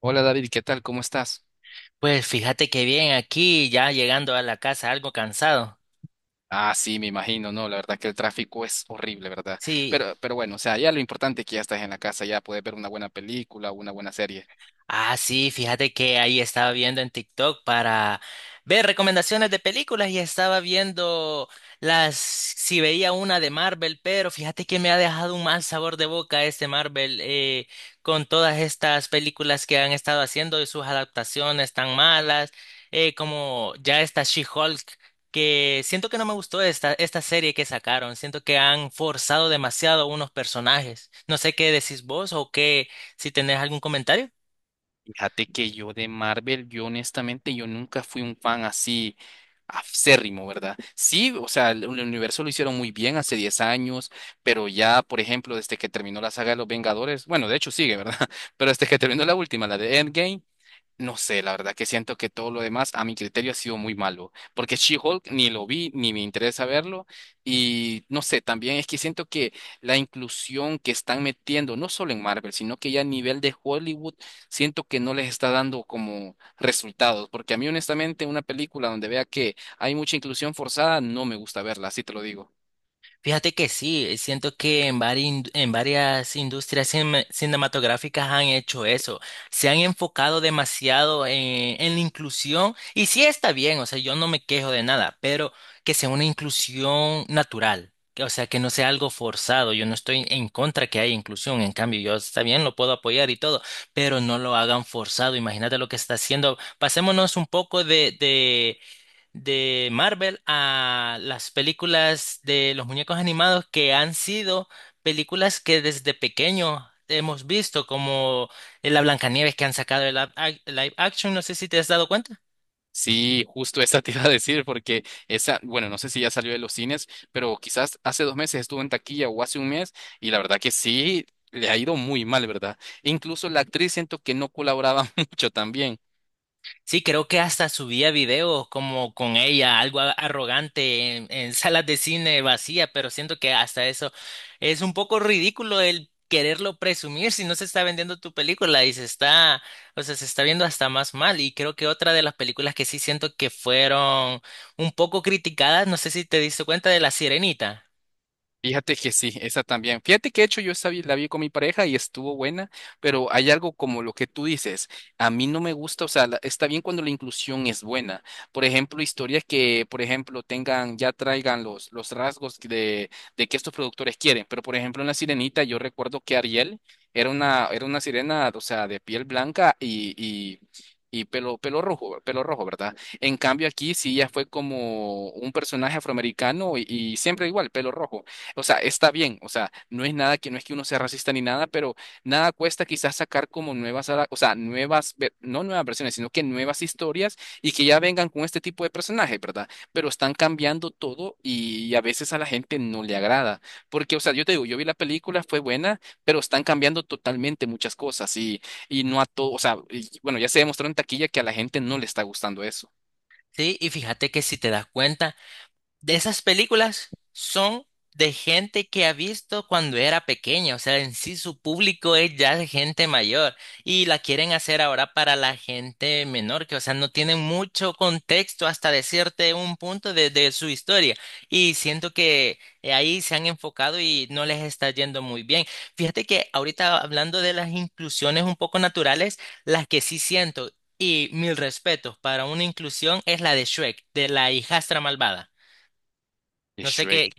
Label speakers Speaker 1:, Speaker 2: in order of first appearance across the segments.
Speaker 1: Hola David, ¿qué tal? ¿Cómo estás?
Speaker 2: Pues fíjate que bien aquí, ya llegando a la casa algo cansado.
Speaker 1: Ah, sí, me imagino, no, la verdad que el tráfico es horrible, ¿verdad?
Speaker 2: Sí.
Speaker 1: Pero bueno, o sea, ya lo importante es que ya estás en la casa, ya puedes ver una buena película, una buena serie.
Speaker 2: Ah, sí, fíjate que ahí estaba viendo en TikTok para ver recomendaciones de películas y estaba viendo las, si veía una de Marvel, pero fíjate que me ha dejado un mal sabor de boca este Marvel con todas estas películas que han estado haciendo y sus adaptaciones tan malas, como ya esta She-Hulk, que siento que no me gustó esta, esta serie que sacaron, siento que han forzado demasiado unos personajes. No sé qué decís vos o qué, si tenés algún comentario.
Speaker 1: Fíjate que yo de Marvel, yo honestamente, yo nunca fui un fan así acérrimo, ¿verdad? Sí, o sea, el universo lo hicieron muy bien hace 10 años, pero ya, por ejemplo, desde que terminó la saga de los Vengadores, bueno, de hecho sigue, ¿verdad? Pero desde que terminó la última, la de Endgame. No sé, la verdad que siento que todo lo demás a mi criterio ha sido muy malo, porque She-Hulk ni lo vi ni me interesa verlo y no sé, también es que siento que la inclusión que están metiendo, no solo en Marvel, sino que ya a nivel de Hollywood, siento que no les está dando como resultados, porque a mí honestamente una película donde vea que hay mucha inclusión forzada, no me gusta verla, así te lo digo.
Speaker 2: Fíjate que sí, siento que en varias industrias cinematográficas han hecho eso, se han enfocado demasiado en la inclusión y sí está bien, o sea, yo no me quejo de nada, pero que sea una inclusión natural, o sea, que no sea algo forzado, yo no estoy en contra que haya inclusión, en cambio, yo está bien, lo puedo apoyar y todo, pero no lo hagan forzado, imagínate lo que está haciendo, pasémonos un poco de Marvel a las películas de los muñecos animados que han sido películas que desde pequeño hemos visto, como la Blancanieves que han sacado el live action, no sé si te has dado cuenta.
Speaker 1: Sí, justo esa te iba a decir, porque esa, bueno, no sé si ya salió de los cines, pero quizás hace 2 meses estuvo en taquilla o hace un mes, y la verdad que sí, le ha ido muy mal, ¿verdad? E incluso la actriz siento que no colaboraba mucho también.
Speaker 2: Sí, creo que hasta subía videos como con ella, algo arrogante en salas de cine vacía, pero siento que hasta eso es un poco ridículo el quererlo presumir si no se está vendiendo tu película y se está, o sea, se está viendo hasta más mal. Y creo que otra de las películas que sí siento que fueron un poco criticadas, no sé si te diste cuenta de La Sirenita,
Speaker 1: Fíjate que sí, esa también. Fíjate que de hecho yo esa la vi con mi pareja y estuvo buena, pero hay algo como lo que tú dices, a mí no me gusta, o sea, está bien cuando la inclusión es buena. Por ejemplo, historias que, por ejemplo, tengan, ya traigan los rasgos de que estos productores quieren, pero por ejemplo en La Sirenita yo recuerdo que Ariel era una sirena, o sea, de piel blanca y pelo rojo, pelo rojo, ¿verdad? En cambio aquí sí ya fue como un personaje afroamericano y siempre igual, pelo rojo. O sea, está bien, o sea, no es nada que no es que uno sea racista ni nada, pero nada cuesta quizás sacar como nuevas, a o sea, nuevas, no nuevas versiones, sino que nuevas historias y que ya vengan con este tipo de personajes, ¿verdad? Pero están cambiando todo y a veces a la gente no le agrada, porque, o sea, yo te digo, yo vi la película, fue buena, pero están cambiando totalmente muchas cosas y, no a todo, o sea, y, bueno, ya se demostró en taquilla que a la gente no le está gustando eso.
Speaker 2: ¿sí? Y fíjate que si te das cuenta de esas películas son de gente que ha visto cuando era pequeña, o sea, en sí su público es ya de gente mayor y la quieren hacer ahora para la gente menor, que o sea, no tienen mucho contexto hasta decirte un punto de su historia y siento que ahí se han enfocado y no les está yendo muy bien. Fíjate que ahorita hablando de las inclusiones un poco naturales, las que sí siento y mil respetos para una inclusión es la de Shrek, de la hijastra malvada.
Speaker 1: De
Speaker 2: No sé qué.
Speaker 1: Shrek.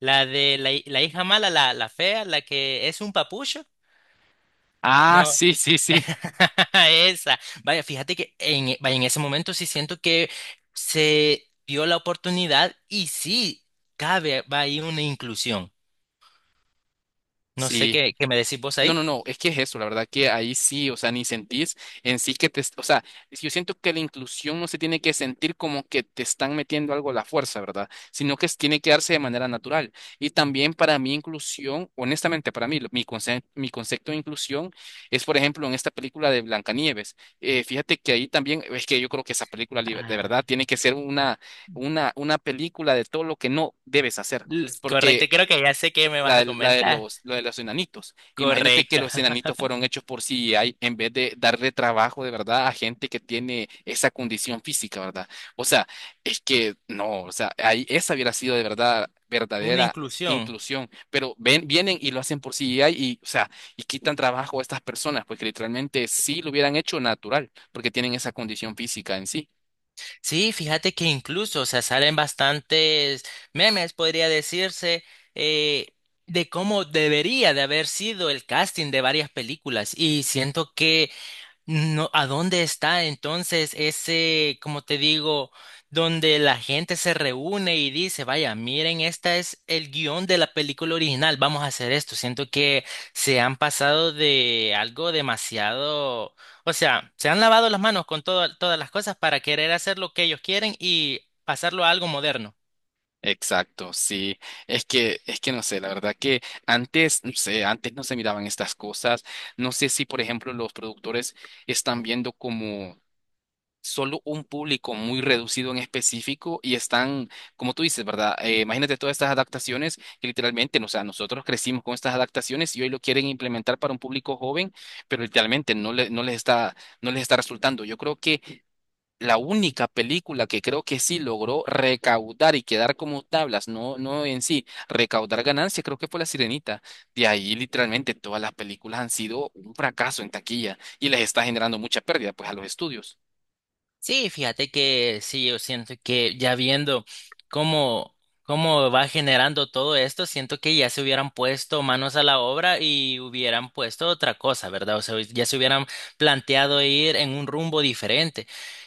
Speaker 2: La de la hija mala, la fea, la que es un papucho.
Speaker 1: Ah,
Speaker 2: No,
Speaker 1: sí, sí, sí.
Speaker 2: esa. Vaya, fíjate que vaya, en ese momento sí siento que se dio la oportunidad y sí cabe, va ahí una inclusión. No sé
Speaker 1: Sí.
Speaker 2: qué, qué me decís vos
Speaker 1: No,
Speaker 2: ahí.
Speaker 1: no, no, es que es eso, la verdad que ahí sí, o sea, ni sentís en sí que te, o sea, si yo siento que la inclusión no se tiene que sentir como que te están metiendo algo a la fuerza, ¿verdad? Sino que tiene que darse de manera natural. Y también para mí inclusión, honestamente, para mí, mi concepto de inclusión es, por ejemplo, en esta película de Blancanieves. Fíjate que ahí también, es que yo creo que esa película de verdad
Speaker 2: Ah,
Speaker 1: tiene que ser una película de todo lo que no debes hacer.
Speaker 2: correcto, creo que ya sé qué me
Speaker 1: La,
Speaker 2: vas a
Speaker 1: de la de
Speaker 2: comentar.
Speaker 1: los, lo de los enanitos. Imagínate que
Speaker 2: Correcto,
Speaker 1: los enanitos fueron hechos por CGI en vez de darle trabajo de verdad a gente que tiene esa condición física, ¿verdad? O sea, es que no, o sea, ahí esa hubiera sido de verdad
Speaker 2: una
Speaker 1: verdadera
Speaker 2: inclusión.
Speaker 1: inclusión, pero ven, vienen y lo hacen por CGI y, o sea, y quitan trabajo a estas personas, porque literalmente sí lo hubieran hecho natural, porque tienen esa condición física en sí.
Speaker 2: Sí, fíjate que incluso, o sea, salen bastantes memes, podría decirse, eh, de cómo debería de haber sido el casting de varias películas. Y siento que no, ¿a dónde está entonces ese, como te digo, donde la gente se reúne y dice, vaya, miren, esta es el guión de la película original, vamos a hacer esto? Siento que se han pasado de algo demasiado, o sea, se han lavado las manos con todas las cosas para querer hacer lo que ellos quieren y pasarlo a algo moderno.
Speaker 1: Exacto, sí. Es que no sé, la verdad que antes, no sé, antes no se miraban estas cosas. No sé si, por ejemplo, los productores están viendo como solo un público muy reducido en específico y están, como tú dices, ¿verdad? Imagínate todas estas adaptaciones que literalmente, no, o sea, nosotros crecimos con estas adaptaciones y hoy lo quieren implementar para un público joven, pero literalmente no les está resultando. Yo creo que la única película que creo que sí logró recaudar y quedar como tablas, no, no en sí, recaudar ganancias, creo que fue La Sirenita. De ahí literalmente todas las películas han sido un fracaso en taquilla y les está generando mucha pérdida pues a los estudios.
Speaker 2: Sí, fíjate que sí, yo siento que ya viendo cómo, cómo va generando todo esto, siento que ya se hubieran puesto manos a la obra y hubieran puesto otra cosa, ¿verdad? O sea, ya se hubieran planteado ir en un rumbo diferente.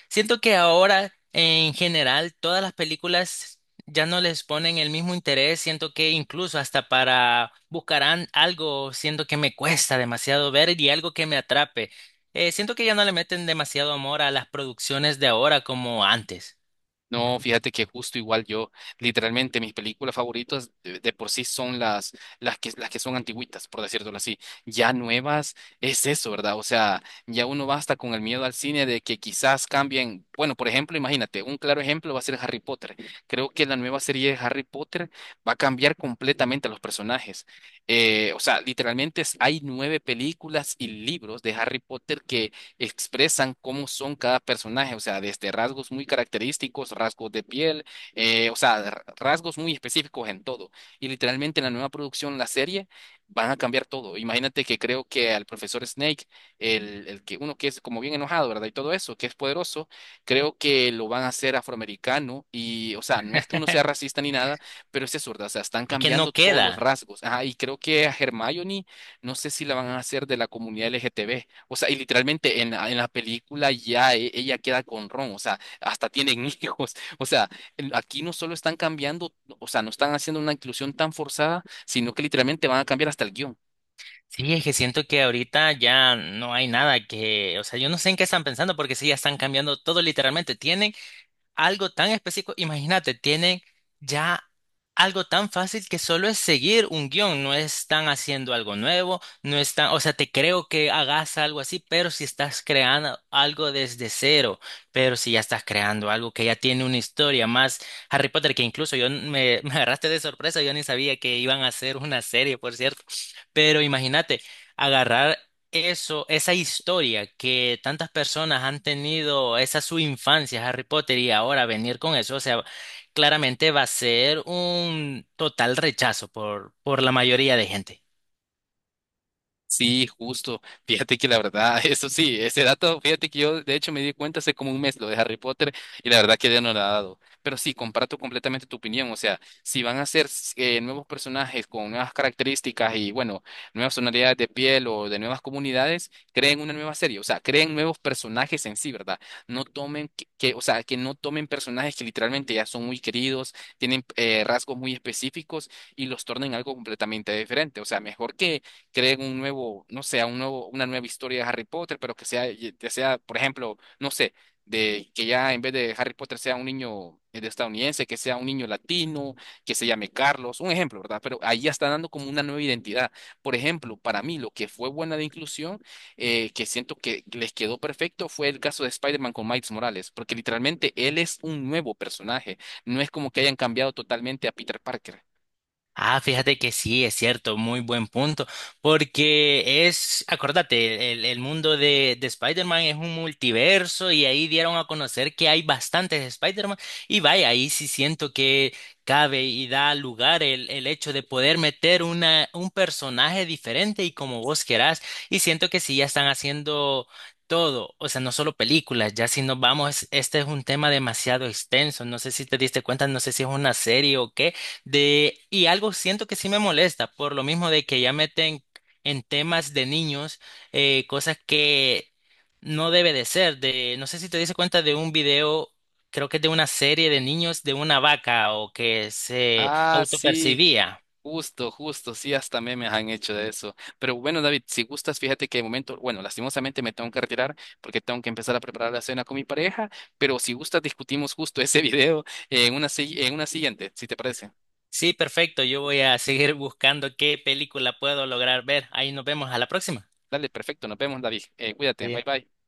Speaker 2: Siento que ahora, en general, todas las películas ya no les ponen el mismo interés, siento que incluso hasta para buscarán algo, siento que me cuesta demasiado ver y algo que me atrape. Siento que ya no le meten demasiado amor a las producciones de ahora como antes.
Speaker 1: No, fíjate que justo igual yo, literalmente mis películas favoritas de por sí son las que son antigüitas, por decirlo así. Ya nuevas es eso, ¿verdad? O sea, ya uno va hasta con el miedo al cine de que quizás cambien. Bueno, por ejemplo, imagínate, un claro ejemplo va a ser Harry Potter. Creo que la nueva serie de Harry Potter va a cambiar completamente a los personajes. O sea, literalmente hay nueve películas y libros de Harry Potter que expresan cómo son cada personaje, o sea, desde rasgos muy característicos, rasgos de piel, o sea, rasgos muy específicos en todo. Y literalmente en la nueva producción, la serie, van a cambiar todo. Imagínate que creo que al profesor Snake, el que uno que es como bien enojado, ¿verdad? Y todo eso, que es poderoso, creo que lo van a hacer afroamericano y, o sea, no es que uno sea racista ni nada, pero es eso, ¿verdad? O sea, están
Speaker 2: Es que
Speaker 1: cambiando
Speaker 2: no
Speaker 1: todos los
Speaker 2: queda.
Speaker 1: rasgos. Ajá, y creo que a Hermione, no sé si la van a hacer de la comunidad LGTB. O sea, y literalmente en, en la película ya ella queda con Ron, o sea, hasta tienen hijos. O sea, aquí no solo están cambiando, o sea, no están haciendo una inclusión tan forzada, sino que literalmente van a cambiar hasta el guión.
Speaker 2: Sí, es que siento que ahorita ya no hay nada que, o sea, yo no sé en qué están pensando porque sí, ya están cambiando todo literalmente. Tienen algo tan específico. Imagínate, tienen ya algo tan fácil que solo es seguir un guión. No están haciendo algo nuevo, no están, o sea, te creo que hagas algo así, pero si estás creando algo desde cero, pero si ya estás creando algo que ya tiene una historia más Harry Potter, que incluso yo me, me agarraste de sorpresa, yo ni sabía que iban a hacer una serie, por cierto. Pero imagínate, agarrar eso, esa historia que tantas personas han tenido, esa su infancia, Harry Potter, y ahora venir con eso, o sea, claramente va a ser un total rechazo por la mayoría de gente.
Speaker 1: Sí, justo. Fíjate que la verdad, eso sí, ese dato, fíjate que yo de hecho me di cuenta hace como un mes lo de Harry Potter y la verdad que ya no lo ha dado. Pero sí, comparto completamente tu opinión. O sea, si van a ser nuevos personajes con nuevas características y bueno, nuevas tonalidades de piel o de nuevas comunidades, creen una nueva serie. O sea, creen nuevos personajes en sí, ¿verdad? No tomen que, o sea, que no tomen personajes que literalmente ya son muy queridos, tienen rasgos muy específicos y los tornen algo completamente diferente. O sea, mejor que creen un nuevo, no sé, un nuevo, una nueva historia de Harry Potter, pero que sea, por ejemplo, no sé, de que ya en vez de Harry Potter sea un niño de estadounidense, que sea un niño latino, que se llame Carlos, un ejemplo, ¿verdad? Pero ahí ya está dando como una nueva identidad. Por ejemplo, para mí lo que fue buena de inclusión, que siento que les quedó perfecto, fue el caso de Spider-Man con Miles Morales, porque literalmente él es un nuevo personaje, no es como que hayan cambiado totalmente a Peter Parker.
Speaker 2: Ah, fíjate que sí, es cierto, muy buen punto, porque es, acordate, el mundo de Spider-Man es un multiverso y ahí dieron a conocer que hay bastantes Spider-Man y vaya, ahí sí siento que cabe y da lugar el hecho de poder meter una, un personaje diferente y como vos querás y siento que sí, ya están haciendo... Todo, o sea, no solo películas, ya si nos vamos, este es un tema demasiado extenso, no sé si te diste cuenta, no sé si es una serie o qué, de, y algo siento que sí me molesta, por lo mismo de que ya meten en temas de niños cosas que no debe de ser. De, no sé si te diste cuenta de un video, creo que es de una serie de niños de una vaca o que se
Speaker 1: Ah, sí,
Speaker 2: autopercibía.
Speaker 1: justo, justo, sí, hasta memes han hecho de eso. Pero bueno, David, si gustas, fíjate que de momento, bueno, lastimosamente me tengo que retirar porque tengo que empezar a preparar la cena con mi pareja, pero si gustas, discutimos justo ese video en una, en una siguiente, si te parece.
Speaker 2: Sí, perfecto, yo voy a seguir buscando qué película puedo lograr ver. Ahí nos vemos a la próxima.
Speaker 1: Dale, perfecto, nos vemos, David. Cuídate, bye bye.